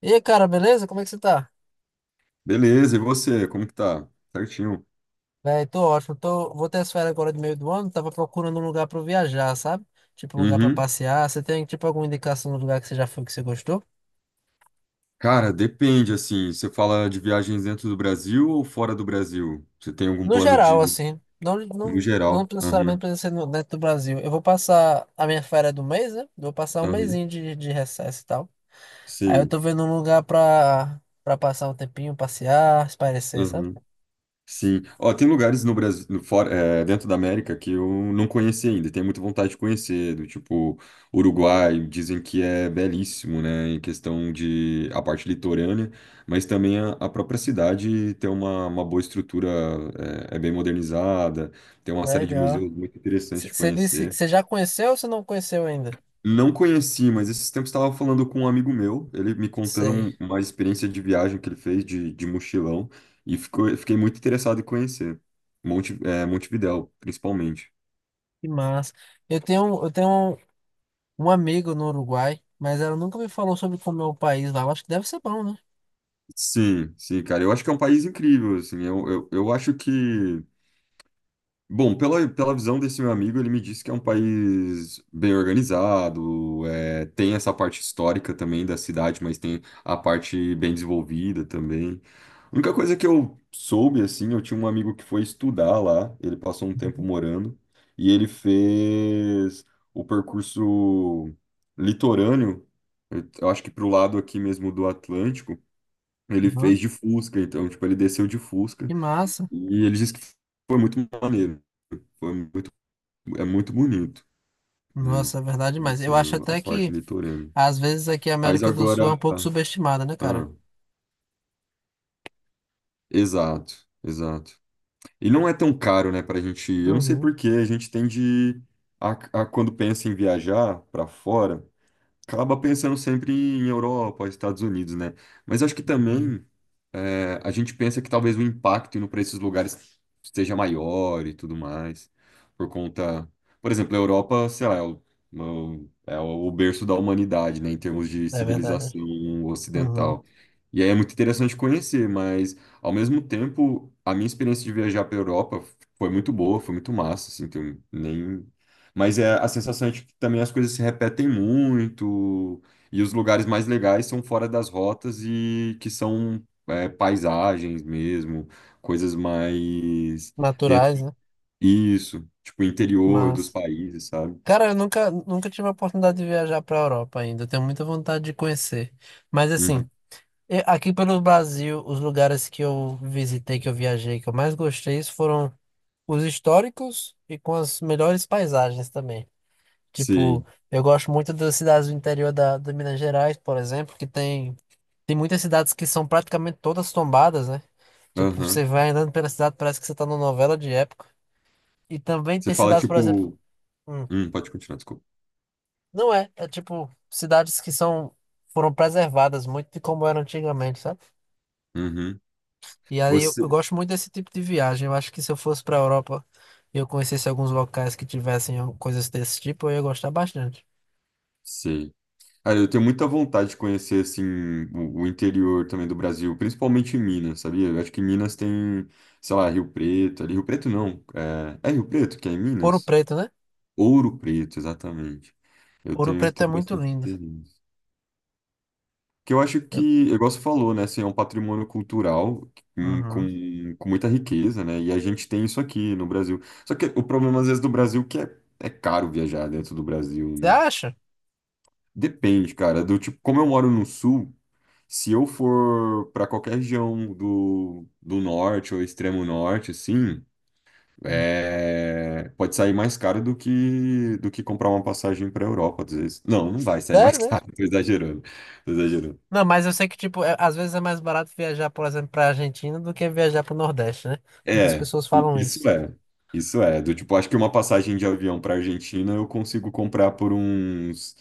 E aí, cara, beleza? Como é que você tá? Beleza, e você, como que tá? Certinho. Véi, tô ótimo. Tô... Vou ter as férias agora de meio do ano. Tava procurando um lugar pra eu viajar, sabe? Tipo, um lugar pra Uhum. passear. Você tem, tipo, alguma indicação de lugar que você já foi que você gostou? Cara, depende, assim, você fala de viagens dentro do Brasil ou fora do Brasil? Você tem algum No plano de, geral, assim. Não, no não, não geral? necessariamente Aham, precisa ser dentro do Brasil. Eu vou passar a minha férias do mês, né? Vou passar um aham, mesinho de recesso e tal. Aí eu sim, tô vendo um lugar pra passar um tempinho, passear, espairecer, sabe? aham. Sim. Ó, tem lugares no Brasil, no fora, dentro da América que eu não conheci ainda, e tenho muita vontade de conhecer, do tipo Uruguai, dizem que é belíssimo, né, em questão de a parte litorânea, mas também a própria cidade tem uma boa estrutura, é bem modernizada, tem uma série de Legal. museus muito interessantes de Você disse, conhecer. você já conheceu ou você não conheceu ainda? Não conheci, mas esses tempos estava falando com um amigo meu, ele me contando Sei. Uma experiência de viagem que ele fez de mochilão, e fiquei muito interessado em conhecer. Montevidéu, principalmente. Que massa. Eu tenho um amigo no Uruguai, mas ela nunca me falou sobre como é o país lá. Eu acho que deve ser bom, né? Sim, sim, cara. Eu acho que é um país incrível, assim. Eu acho que bom, pela visão desse meu amigo, ele me disse que é um país bem organizado, tem essa parte histórica também da cidade, mas tem a parte bem desenvolvida também. A única coisa que eu soube, assim, eu tinha um amigo que foi estudar lá, ele passou um tempo Uhum. morando, e ele fez o percurso litorâneo, eu acho que pro lado aqui mesmo do Atlântico, ele Uhum. fez de Fusca, então, tipo, ele desceu de Fusca. Que massa. E ele disse que foi muito maneiro. Foi muito, É muito bonito, né? Nossa, é verdade, mas Assim, eu acho a até parte que, litorânea. às vezes, aqui a Mas América do agora. Sul é um pouco subestimada, né, ah, cara? exato, exato. E não é tão caro, né, pra gente ir. Eu não sei Uhum. por que a gente tende a, a quando pensa em viajar pra fora, acaba pensando sempre em Europa, Estados Unidos, né? Mas acho que Uhum. também a gente pensa que talvez o impacto indo para esses lugares seja maior e tudo mais, por conta, por exemplo, a Europa, sei lá, é o berço da humanidade, né, em termos de É verdade. civilização Uhum. ocidental. E aí é muito interessante conhecer, mas ao mesmo tempo, a minha experiência de viajar para a Europa foi muito boa, foi muito massa, assim, tem nem. Mas a sensação é de que também as coisas se repetem muito, e os lugares mais legais são fora das rotas e que são paisagens mesmo, coisas mais dentro Naturais, né? isso tipo interior dos Mas, países, sabe? cara, eu nunca tive a oportunidade de viajar para a Europa ainda. Eu tenho muita vontade de conhecer. Mas, Uhum. assim, aqui pelo Brasil, os lugares que eu visitei, que eu viajei, que eu mais gostei, foram os históricos e com as melhores paisagens também. Tipo, Sim. eu gosto muito das cidades do interior da Minas Gerais, por exemplo, que tem, tem muitas cidades que são praticamente todas tombadas, né? Tipo, você Aham. vai andando pela cidade, parece que você tá numa novela de época. E também Você tem fala cidades, por exemplo, tipo. hum, Pode continuar, desculpa. não é, é tipo cidades que são foram preservadas muito de como eram antigamente, sabe? Uhum. E aí eu Você. gosto muito desse tipo de viagem. Eu acho que se eu fosse para Europa e eu conhecesse alguns locais que tivessem coisas desse tipo, eu ia gostar bastante. Sim. Ah, eu tenho muita vontade de conhecer assim o interior também do Brasil, principalmente em Minas, sabia? Eu acho que em Minas tem, sei lá, Rio Preto, ali Rio Preto não, é Rio Preto que é em Ouro Minas? Preto, né? Ouro Preto, exatamente. Eu Ouro tenho, Preto é tenho muito bastante lindo. interesse. Que eu acho que, Eu- igual você falou, né, assim, é um patrimônio cultural com, Uhum. com, com muita riqueza, né, e a gente tem isso aqui no Brasil. Só que o problema, às vezes, do Brasil é que é caro viajar dentro do Brasil, Você né. acha? Depende, cara, do tipo, como eu moro no sul, se eu for para qualquer região do norte ou extremo norte, assim, Hum. Pode sair mais caro do que comprar uma passagem para Europa, às vezes. Não, não vai sair mais Sério mesmo? caro, tô exagerando, tô exagerando. Não, mas eu sei que, tipo, às vezes é mais barato viajar, por exemplo, pra Argentina do que viajar pro Nordeste, né? Muitas É, pessoas falam isso. isso é. Isso é. Do tipo, acho que uma passagem de avião para Argentina eu consigo comprar por uns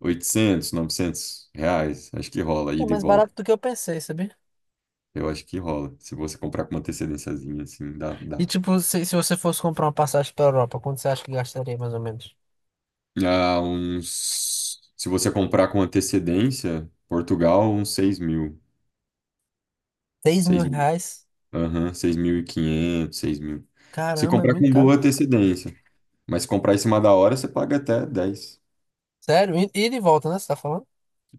800, 900 reais. Acho que rola, É ida e mais volta. barato do que eu pensei, sabia? Eu acho que rola. Se você comprar com uma antecedênciazinha, assim, dá, E, dá. tipo, se você fosse comprar uma passagem pra Europa, quanto você acha que gastaria, mais ou menos? Ah, uns. Se você comprar com antecedência, Portugal, uns 6.000. 6 mil 6.000. reais? Aham, 6.500, 6.000. Se Caramba, é comprar muito com caro. boa antecedência. Mas se comprar em cima da hora, você paga até 10. Sério? E de volta, né? Você tá falando?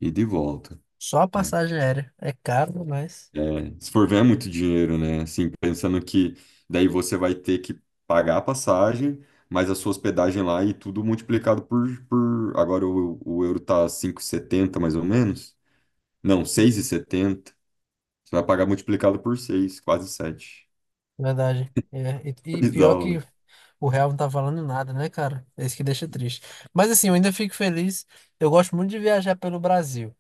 Ida e volta. Só a É. passagem aérea. É caro, mas. É, se for ver, é muito dinheiro, né? Assim, pensando que daí você vai ter que pagar a passagem, mas a sua hospedagem lá e tudo multiplicado por... Agora o euro tá 5,70 mais ou menos. Não, 6,70. Você vai pagar multiplicado por 6, quase 7. Verdade. É. E, e pior Bizarro, que né? o real não tá falando nada, né, cara? É isso que deixa triste. Mas assim, eu ainda fico feliz. Eu gosto muito de viajar pelo Brasil.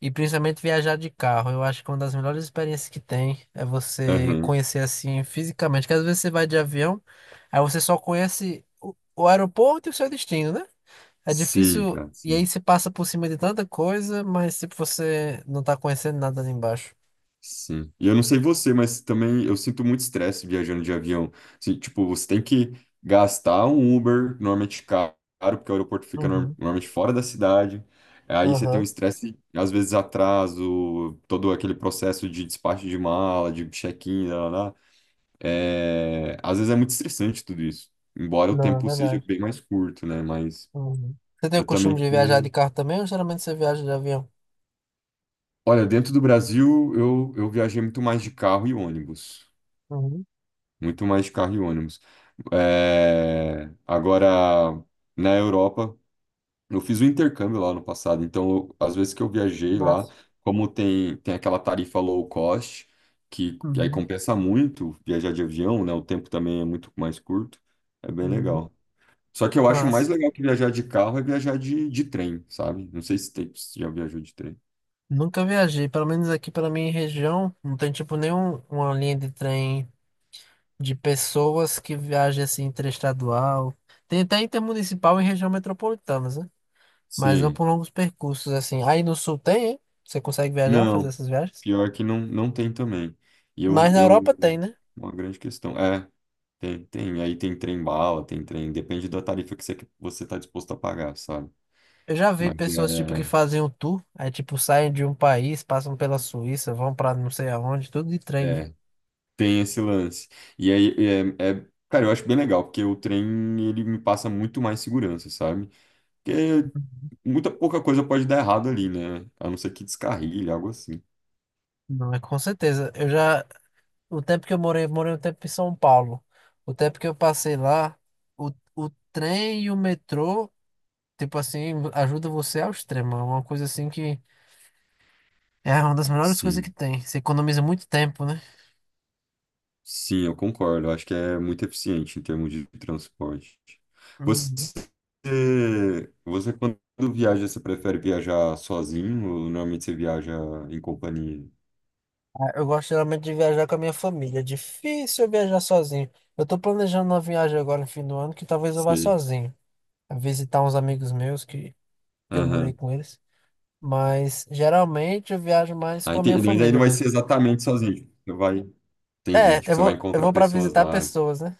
E principalmente viajar de carro. Eu acho que uma das melhores experiências que tem é você Aham. conhecer assim fisicamente. Porque às vezes você vai de avião, aí você só conhece o aeroporto e o seu destino, né? É Sim, difícil, cara, e aí sim. você passa por cima de tanta coisa, mas tipo, você não tá conhecendo nada ali embaixo. Sim. E eu não sei você, mas também eu sinto muito estresse viajando de avião. Assim, tipo, você tem que gastar um Uber, normalmente caro, porque o aeroporto fica Uhum. normalmente fora da cidade. Aí você tem um Aham. estresse, às vezes atraso, todo aquele processo de despacho de mala, de check-in, lá, lá, lá. É, às vezes é muito estressante tudo isso. Embora o Não, é tempo seja verdade. bem mais curto, né? Mas Uhum. Você tem o eu também costume de fico viajar de meio... carro também ou geralmente você viaja de avião? Olha, dentro do Brasil, eu viajei muito mais de carro e ônibus. Uhum. Muito mais de carro e ônibus. Agora, na Europa, eu fiz um intercâmbio lá no passado, então, às vezes que eu viajei lá, Massa. como tem aquela tarifa low cost, que aí Uhum. compensa muito viajar de avião, né? O tempo também é muito mais curto, é bem Uhum. legal. Só que eu acho mais Massa. legal que viajar de carro é viajar de trem, sabe? Não sei se já viajou de trem. Nunca viajei, pelo menos aqui pela minha região, não tem tipo nenhum uma linha de trem de pessoas que viajem assim interestadual. Tem até intermunicipal em região metropolitana, né? Mas não Sim. por longos percursos, assim. Aí no sul tem, hein? Você consegue viajar, fazer Não, essas viagens? pior que não, não tem também. E eu, Mas na Europa eu, tem, né? uma grande questão. É, aí tem trem bala, tem trem, depende da tarifa que você está disposto a pagar, sabe? Eu já vi Mas pessoas, tipo, que fazem um tour, aí, tipo, saem de um país, passam pela Suíça, vão pra não sei aonde, tudo de trem, é, né? é, tem esse lance. E aí, cara, eu acho bem legal, porque o trem, ele me passa muito mais segurança, sabe? Porque muita pouca coisa pode dar errado ali, né? A não ser que descarrilhe, algo assim. Não, é com certeza. Eu já, o tempo que eu morei um tempo em São Paulo. O tempo que eu passei lá, o trem e o metrô, tipo assim, ajuda você ao extremo. É uma coisa assim que é uma das melhores coisas que Sim. tem. Você economiza muito tempo, né? Sim, eu concordo. Eu acho que é muito eficiente em termos de transporte. Você, Uhum. você quando viaja, você prefere viajar sozinho ou normalmente você viaja em companhia? Ah, eu gosto geralmente de viajar com a minha família. É difícil eu viajar sozinho. Eu tô planejando uma viagem agora no fim do ano que talvez eu vá Você... sozinho. Visitar uns amigos meus que eu morei Aham. com eles. Mas geralmente eu viajo mais Ah, com a minha entendi. Mas aí família não vai ser mesmo. exatamente sozinho. Tipo, você vai... Entendi. É, Tipo, eu você vai vou, eu encontrar vou para pessoas visitar lá. pessoas, né?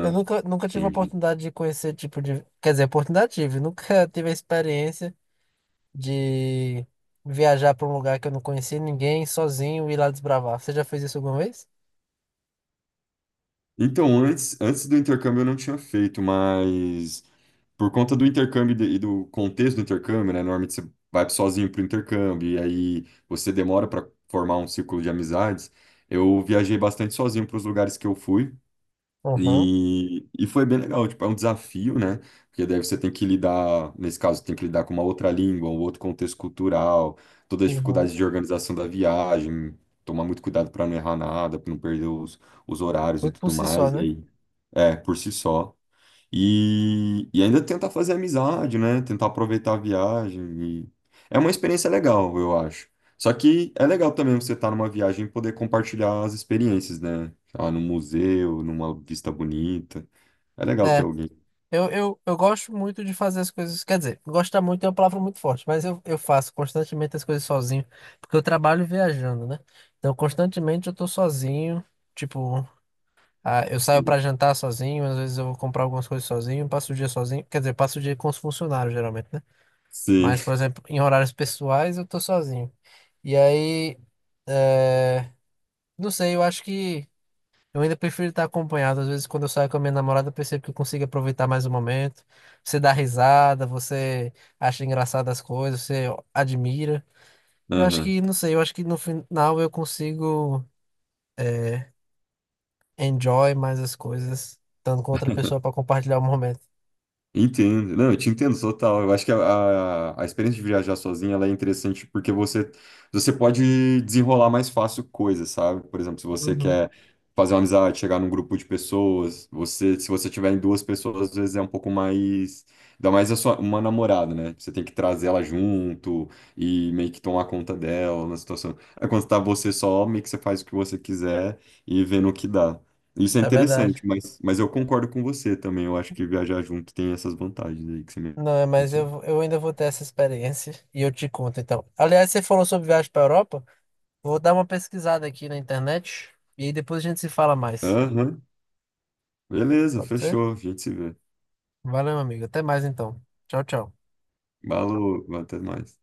Eu nunca, nunca tive a entendi. oportunidade de conhecer tipo de. Quer dizer, oportunidade tive. Nunca tive a experiência de viajar para um lugar que eu não conhecia ninguém, sozinho e ir lá desbravar. Você já fez isso alguma vez? Então, antes do intercâmbio eu não tinha feito, mas por conta do intercâmbio e do contexto do intercâmbio, né? Normalmente você vai sozinho pro intercâmbio e aí você demora para formar um círculo de amizades. Eu viajei bastante sozinho para os lugares que eu fui Aham, e foi bem legal. Tipo, é um desafio, né? Porque daí você tem que lidar, nesse caso, tem que lidar com uma outra língua, um outro contexto cultural, todas as uhum, dificuldades de organização da viagem, tomar muito cuidado para não errar nada, para não perder os horários e tudo por tudo si só, mais. E né? aí é, por si só. E ainda tentar fazer amizade, né? Tentar aproveitar a viagem. e- É uma experiência legal, eu acho. Só que é legal também você estar numa viagem e poder compartilhar as experiências, né? Ah, num museu, numa vista bonita. É legal ter É, alguém. eu gosto muito de fazer as coisas. Quer dizer, gostar muito é uma palavra muito forte, mas eu faço constantemente as coisas sozinho, porque eu trabalho viajando, né? Então, constantemente eu tô sozinho. Tipo, ah, eu saio pra Sim. jantar sozinho, às vezes eu vou comprar algumas coisas sozinho, passo o dia sozinho. Quer dizer, passo o dia com os funcionários, geralmente, né? Sim. Mas, por exemplo, em horários pessoais eu tô sozinho. E aí, é, não sei, eu acho que. Eu ainda prefiro estar acompanhado. Às vezes, quando eu saio com a minha namorada, eu percebo que eu consigo aproveitar mais o momento. Você dá risada, você acha engraçado as coisas, você admira. Eu acho Aham. que, não sei, eu acho que no final eu consigo enjoy mais as coisas, estando com outra pessoa para compartilhar o momento. Entendo, não, eu te entendo total. Eu acho que a experiência de viajar sozinha ela é interessante porque você pode desenrolar mais fácil coisas, sabe? Por exemplo, se você Uhum. quer fazer uma amizade, chegar num grupo de pessoas, se você tiver em duas pessoas, às vezes é um pouco mais. Ainda mais uma namorada, né? Você tem que trazer ela junto e meio que tomar conta dela na situação. Aí quando tá você só, meio que você faz o que você quiser e vê no que dá. Isso é É verdade. interessante, mas, eu concordo com você também. Eu acho que viajar junto tem essas vantagens aí que você Não, é, mas mencionou. eu ainda vou ter essa experiência e eu te conto então. Aliás, você falou sobre viagem para Europa, vou dar uma pesquisada aqui na internet e aí depois a gente se fala mais. Aham, beleza, Pode ser? fechou. A gente se vê. Valeu, amigo. Até mais então. Tchau, tchau. Falou, até mais.